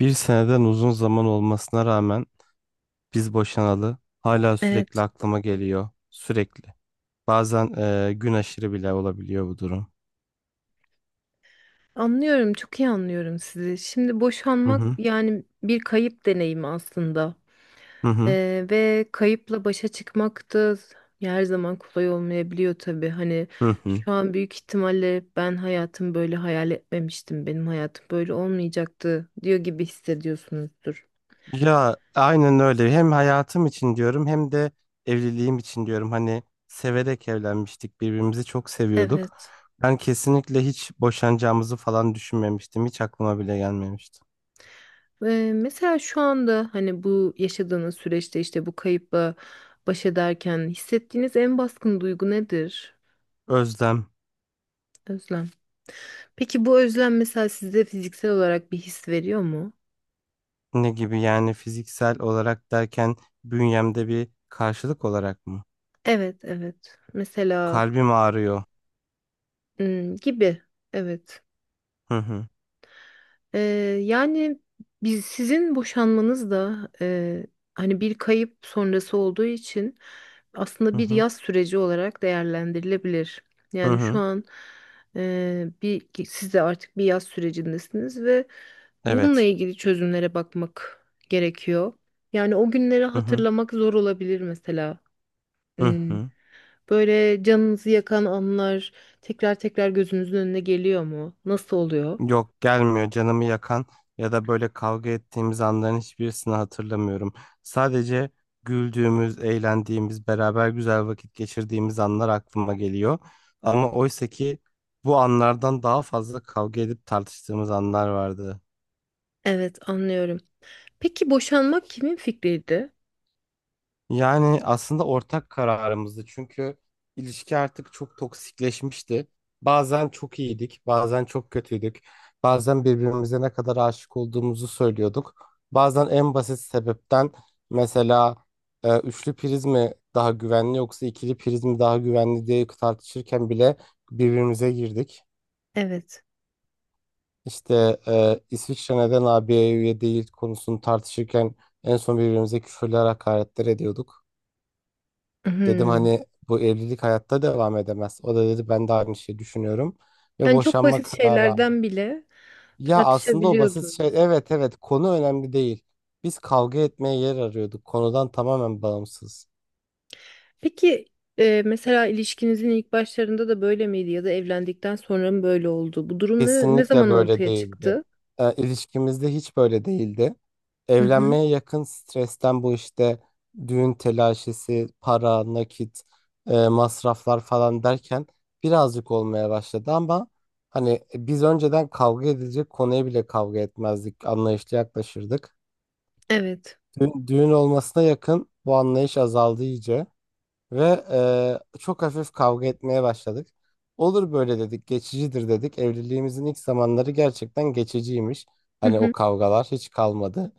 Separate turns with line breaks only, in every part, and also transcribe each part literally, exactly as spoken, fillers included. Bir seneden uzun zaman olmasına rağmen biz boşanalı hala sürekli
Evet,
aklıma geliyor. Sürekli. Bazen e, gün aşırı bile olabiliyor bu durum.
anlıyorum, çok iyi anlıyorum sizi. Şimdi
Hı
boşanmak
hı.
yani bir kayıp deneyimi aslında.
Hı hı.
Ee, ve kayıpla başa çıkmak da her zaman kolay olmayabiliyor tabii. Hani
Hı hı.
şu an büyük ihtimalle ben hayatım böyle hayal etmemiştim, benim hayatım böyle olmayacaktı diyor gibi hissediyorsunuzdur.
Ya aynen öyle. Hem hayatım için diyorum hem de evliliğim için diyorum. Hani severek evlenmiştik. Birbirimizi çok seviyorduk.
Evet.
Ben kesinlikle hiç boşanacağımızı falan düşünmemiştim. Hiç aklıma bile gelmemişti.
Ve mesela şu anda hani bu yaşadığınız süreçte işte bu kayıpla baş ederken hissettiğiniz en baskın duygu nedir?
Özlem.
Özlem. Peki bu özlem mesela size fiziksel olarak bir his veriyor mu?
Ne gibi yani, fiziksel olarak derken bünyemde bir karşılık olarak mı?
Evet, evet. Mesela
Kalbim ağrıyor.
hmm, gibi. Evet.
Hı hı.
Ee, Yani biz sizin boşanmanız da e, hani bir kayıp sonrası olduğu için
Hı
aslında bir
hı.
yaz süreci olarak değerlendirilebilir.
Hı
Yani şu
hı.
an e, bir ki siz de artık bir yaz sürecindesiniz ve bununla
Evet.
ilgili çözümlere bakmak gerekiyor. Yani o günleri
Hı hı.
hatırlamak zor olabilir mesela.
Hı
Hmm,
hı.
Böyle canınızı yakan anlar tekrar tekrar gözünüzün önüne geliyor mu? Nasıl oluyor?
Yok, gelmiyor canımı yakan ya da böyle kavga ettiğimiz anların hiçbirisini hatırlamıyorum. Sadece güldüğümüz, eğlendiğimiz, beraber güzel vakit geçirdiğimiz anlar aklıma geliyor. Ama oysa ki bu anlardan daha fazla kavga edip tartıştığımız anlar vardı.
Evet, anlıyorum. Peki boşanmak kimin fikriydi?
Yani aslında ortak kararımızdı, çünkü ilişki artık çok toksikleşmişti. Bazen çok iyiydik, bazen çok kötüydük. Bazen birbirimize ne kadar aşık olduğumuzu söylüyorduk. Bazen en basit sebepten, mesela e, üçlü priz mi daha güvenli yoksa ikili priz mi daha güvenli diye tartışırken bile birbirimize girdik.
Evet.
İşte e, İsviçre neden A B'ye üye değil konusunu tartışırken en son birbirimize küfürler, hakaretler ediyorduk. Dedim
Hmm.
hani bu evlilik hayatta devam edemez. O da dedi ben de aynı şeyi düşünüyorum ve
Yani çok
boşanma
basit
kararı
şeylerden
aldık.
bile
Ya aslında o basit şey,
tartışabiliyordunuz.
evet evet konu önemli değil. Biz kavga etmeye yer arıyorduk, konudan tamamen bağımsız.
Peki e, mesela ilişkinizin ilk başlarında da böyle miydi ya da evlendikten sonra mı böyle oldu? Bu durum ne, ne
Kesinlikle
zaman
böyle
ortaya
değildi.
çıktı?
E, ilişkimizde hiç böyle değildi.
Hı hı.
Evlenmeye yakın stresten, bu işte düğün telaşesi, para, nakit, e, masraflar falan derken birazcık olmaya başladı, ama hani e, biz önceden kavga edilecek konuya bile kavga etmezdik, anlayışla yaklaşırdık.
Evet.
Düğün, düğün olmasına yakın bu anlayış azaldı iyice. Ve e, çok hafif kavga etmeye başladık. Olur böyle dedik, geçicidir dedik. Evliliğimizin ilk zamanları gerçekten geçiciymiş.
Hı
Hani o
hı.
kavgalar hiç kalmadı.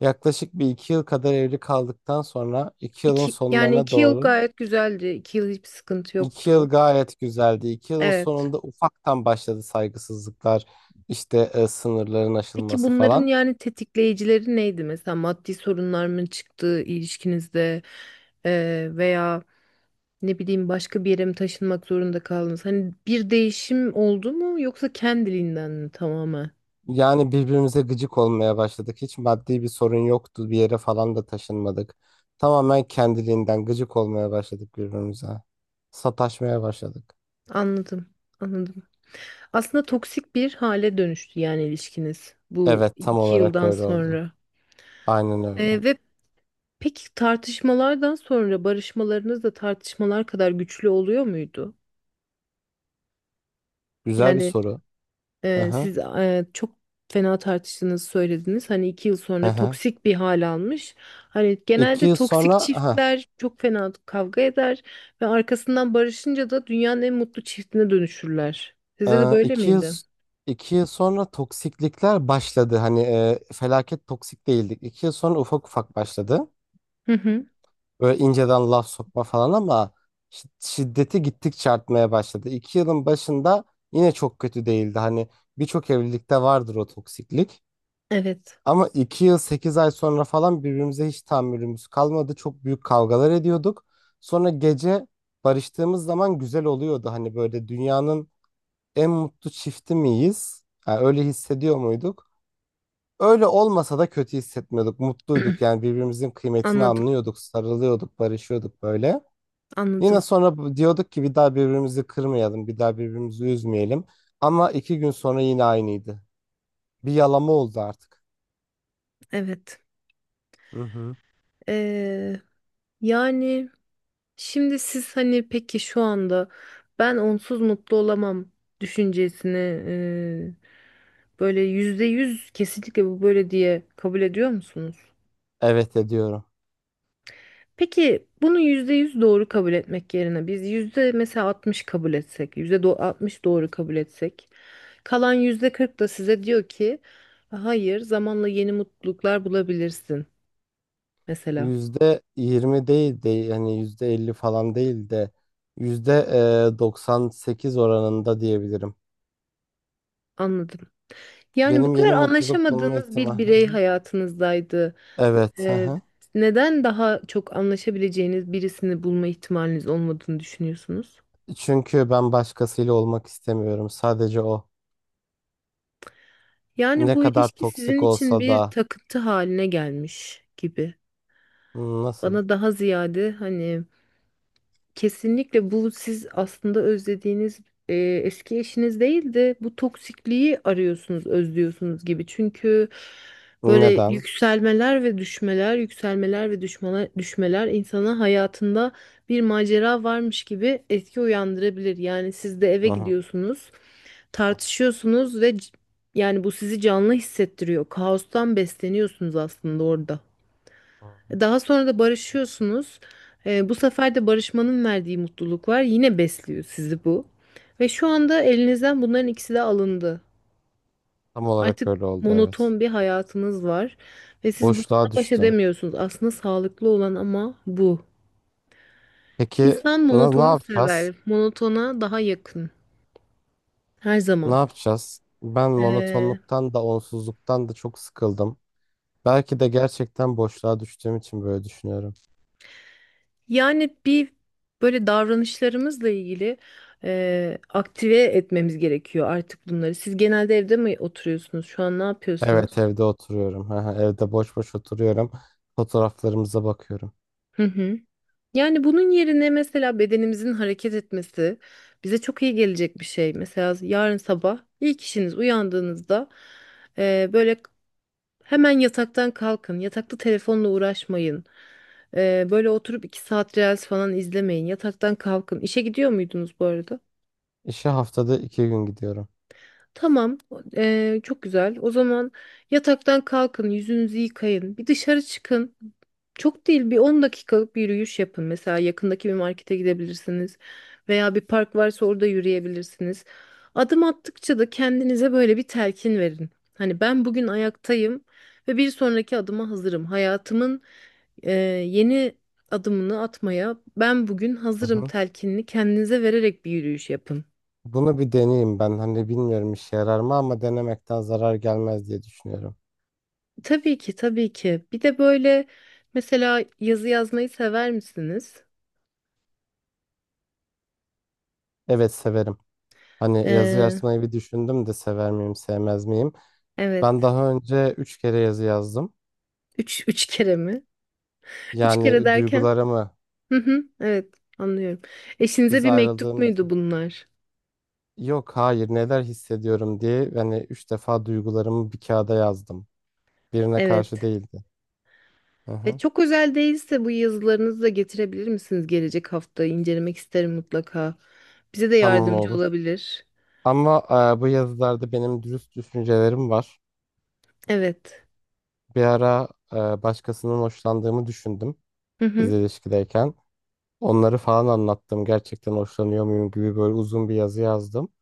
Yaklaşık bir iki yıl kadar evli kaldıktan sonra iki yılın
İki, yani
sonlarına
iki yıl
doğru
gayet güzeldi. İki yıl hiçbir sıkıntı
iki
yoktu.
yıl gayet güzeldi. iki yılın
Evet.
sonunda ufaktan başladı saygısızlıklar, işte e, sınırların
Peki
aşılması
bunların
falan.
yani tetikleyicileri neydi? Mesela maddi sorunlar mı çıktı ilişkinizde Ee, veya ne bileyim başka bir yere mi taşınmak zorunda kaldınız? Hani bir değişim oldu mu yoksa kendiliğinden mi tamamen?
Yani birbirimize gıcık olmaya başladık. Hiç maddi bir sorun yoktu. Bir yere falan da taşınmadık. Tamamen kendiliğinden gıcık olmaya başladık birbirimize. Sataşmaya başladık.
Anladım, anladım. Aslında toksik bir hale dönüştü yani ilişkiniz bu
Evet, tam
iki
olarak
yıldan
öyle oldu.
sonra.
Aynen öyle.
Ee, ve peki tartışmalardan sonra barışmalarınız da tartışmalar kadar güçlü oluyor muydu?
Güzel bir
Yani
soru.
Ee,
Aha,
siz e, çok fena tartıştığınızı söylediniz. Hani iki yıl sonra
aha.
toksik bir hal almış. Hani
İki
genelde
yıl sonra,
toksik
aha,
çiftler çok fena kavga eder ve arkasından barışınca da dünyanın en mutlu çiftine dönüşürler. Size de
e,
böyle
iki yıl,
miydi?
iki yıl sonra toksiklikler başladı. Hani e, felaket toksik değildik. iki yıl sonra ufak ufak başladı.
Hı hı.
Böyle inceden laf sokma falan, ama şi- şiddeti gittikçe artmaya başladı. iki yılın başında yine çok kötü değildi. Hani birçok evlilikte vardır o toksiklik.
Evet.
Ama iki yıl sekiz ay sonra falan birbirimize hiç tahammülümüz kalmadı. Çok büyük kavgalar ediyorduk. Sonra gece barıştığımız zaman güzel oluyordu. Hani böyle dünyanın en mutlu çifti miyiz, ha, öyle hissediyor muyduk? Öyle olmasa da kötü hissetmiyorduk. Mutluyduk yani, birbirimizin kıymetini
Anladım,
anlıyorduk, sarılıyorduk, barışıyorduk böyle.
anladım.
Yine sonra bu- diyorduk ki bir daha birbirimizi kırmayalım, bir daha birbirimizi üzmeyelim. Ama iki gün sonra yine aynıydı. Bir yalama oldu artık.
Evet.
Hı hı.
Ee, Yani. Şimdi siz hani peki şu anda ben onsuz mutlu olamam düşüncesini e, böyle yüzde yüz kesinlikle bu böyle diye kabul ediyor musunuz?
Evet, ediyorum.
Peki bunu yüzde yüz doğru kabul etmek yerine biz yüzde mesela altmış kabul etsek, yüzde do- altmış doğru kabul etsek, kalan yüzde kırk da size diyor ki hayır zamanla yeni mutluluklar bulabilirsin mesela.
Yüzde yirmi değil de, yani yüzde elli falan değil de, yüzde e, doksan sekiz oranında diyebilirim.
Anladım. Yani bu
Benim yeni
kadar
mutluluk bulma
anlaşamadığınız bir
ihtimali. Hı
birey
hı.
hayatınızdaydı.
Evet. Hı
Ee,
hı.
Neden daha çok anlaşabileceğiniz birisini bulma ihtimaliniz olmadığını düşünüyorsunuz?
Çünkü ben başkasıyla olmak istemiyorum. Sadece o.
Yani
Ne
bu
kadar
ilişki sizin
toksik
için
olsa
bir
da.
takıntı haline gelmiş gibi.
Hı, nasıl?
Bana daha ziyade hani kesinlikle bu siz aslında özlediğiniz e, eski eşiniz değil de bu toksikliği arıyorsunuz, özlüyorsunuz gibi. Çünkü böyle
Neden?
yükselmeler ve düşmeler, yükselmeler ve düşmeler, düşmeler insana hayatında bir macera varmış gibi etki uyandırabilir. Yani siz de eve
Hı hı.
gidiyorsunuz,
Hı hı.
tartışıyorsunuz ve c- yani bu sizi canlı hissettiriyor. Kaostan besleniyorsunuz aslında orada.
Hı.
Daha sonra da barışıyorsunuz. Ee, bu sefer de barışmanın verdiği mutluluk var. Yine besliyor sizi bu. Ve şu anda elinizden bunların ikisi de alındı.
Tam olarak
Artık
öyle oldu, evet.
monoton bir hayatınız var. Ve siz bununla
Boşluğa
baş
düştüm.
edemiyorsunuz. Aslında sağlıklı olan ama bu.
Peki
İnsan
na- ne
monotonu
yapacağız?
sever. Monotona daha yakın. Her
Ne
zaman.
yapacağız? Ben
Ee,
monotonluktan da onsuzluktan da çok sıkıldım. Belki de gerçekten boşluğa düştüğüm için böyle düşünüyorum.
Yani bir böyle davranışlarımızla ilgili eee, aktive etmemiz gerekiyor artık bunları. Siz genelde evde mi oturuyorsunuz? Şu an ne
Evet,
yapıyorsunuz?
evde oturuyorum. Evde boş boş oturuyorum. Fotoğraflarımıza bakıyorum.
Hı hı. Yani bunun yerine mesela bedenimizin hareket etmesi bize çok iyi gelecek bir şey. Mesela yarın sabah ilk işiniz uyandığınızda eee, böyle hemen yataktan kalkın. Yatakta telefonla uğraşmayın. Eee, böyle oturup iki saat reels falan izlemeyin. Yataktan kalkın. İşe gidiyor muydunuz bu arada?
İşe haftada iki gün gidiyorum.
Tamam, eee, çok güzel. O zaman yataktan kalkın, yüzünüzü yıkayın, bir dışarı çıkın. Çok değil, bir on dakikalık bir yürüyüş yapın. Mesela yakındaki bir markete gidebilirsiniz veya bir park varsa orada yürüyebilirsiniz. Adım attıkça da kendinize böyle bir telkin verin. Hani ben bugün ayaktayım ve bir sonraki adıma hazırım. Hayatımın eee, yeni adımını atmaya ben bugün
Hı
hazırım
hı.
telkinini kendinize vererek bir yürüyüş yapın.
Bunu bir deneyeyim ben. Hani bilmiyorum işe yarar mı, ama denemekten zarar gelmez diye düşünüyorum.
Tabii ki tabii ki. Bir de böyle mesela yazı yazmayı sever misiniz?
Evet, severim. Hani yazı
Ee,
yazmayı bir düşündüm de, sever miyim, sevmez miyim? Ben
evet.
daha önce üç kere yazı yazdım.
Üç, üç kere mi? Üç kere
Yani
derken?
duygularımı,
Hı hı, evet anlıyorum. Eşinize
biz
bir mektup
ayrıldığımız
muydu bunlar?
yok, hayır, neler hissediyorum diye hani üç defa duygularımı bir kağıda yazdım. Birine karşı
Evet.
değildi. Hı
E,
hı.
çok özel değilse bu yazılarınızı da getirebilir misiniz gelecek hafta? İncelemek isterim mutlaka. Bize de
Tamam,
yardımcı
olur.
olabilir.
Ama e, bu yazılarda benim dürüst düşüncelerim var.
Evet.
Bir ara e, başkasının hoşlandığımı düşündüm.
Hı
Biz
hı.
ilişkideyken. Onları falan anlattım. Gerçekten hoşlanıyor muyum gibi böyle uzun bir yazı yazdım.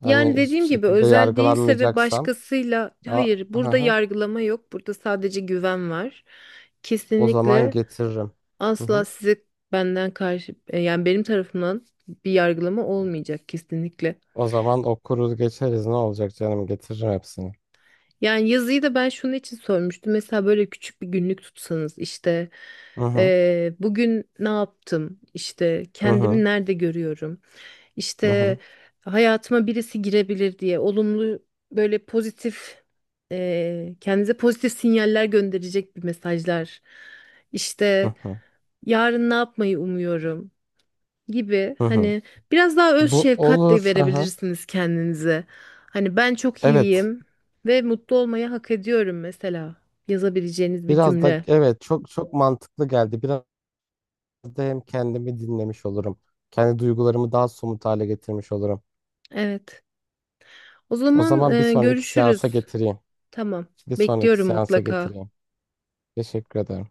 Hani
Yani
hiçbir
dediğim gibi
şekilde
özel değilse ve
yargılanmayacaksam,
başkasıyla
a,
hayır burada
aha,
yargılama yok. Burada sadece güven var.
o zaman
Kesinlikle
getiririm. Hı hı.
asla size benden karşı e, yani benim tarafımdan bir yargılama olmayacak kesinlikle.
O zaman okuruz geçeriz, ne olacak canım, getiririm hepsini.
Yani yazıyı da ben şunun için sormuştum. Mesela böyle küçük bir günlük tutsanız işte
Hı hı.
e, bugün ne yaptım? İşte
Hı hı.
kendimi nerede görüyorum?
Hı
İşte
hı.
hayatıma birisi girebilir diye olumlu böyle pozitif e, kendinize pozitif sinyaller gönderecek bir mesajlar. İşte
Hı hı.
yarın ne yapmayı umuyorum gibi
Hı hı.
hani biraz daha öz
Bu
şefkat de
olur. Hı hı.
verebilirsiniz kendinize. Hani ben çok
Evet.
iyiyim ve mutlu olmayı hak ediyorum mesela yazabileceğiniz bir
Biraz da,
cümle.
evet, çok çok mantıklı geldi. Biraz da hem kendimi dinlemiş olurum. Kendi duygularımı daha somut hale getirmiş olurum.
Evet. O
O
zaman
zaman bir
e,
sonraki seansa
görüşürüz.
getireyim.
Tamam.
Bir sonraki
Bekliyorum
seansa
mutlaka.
getireyim. Teşekkür ederim.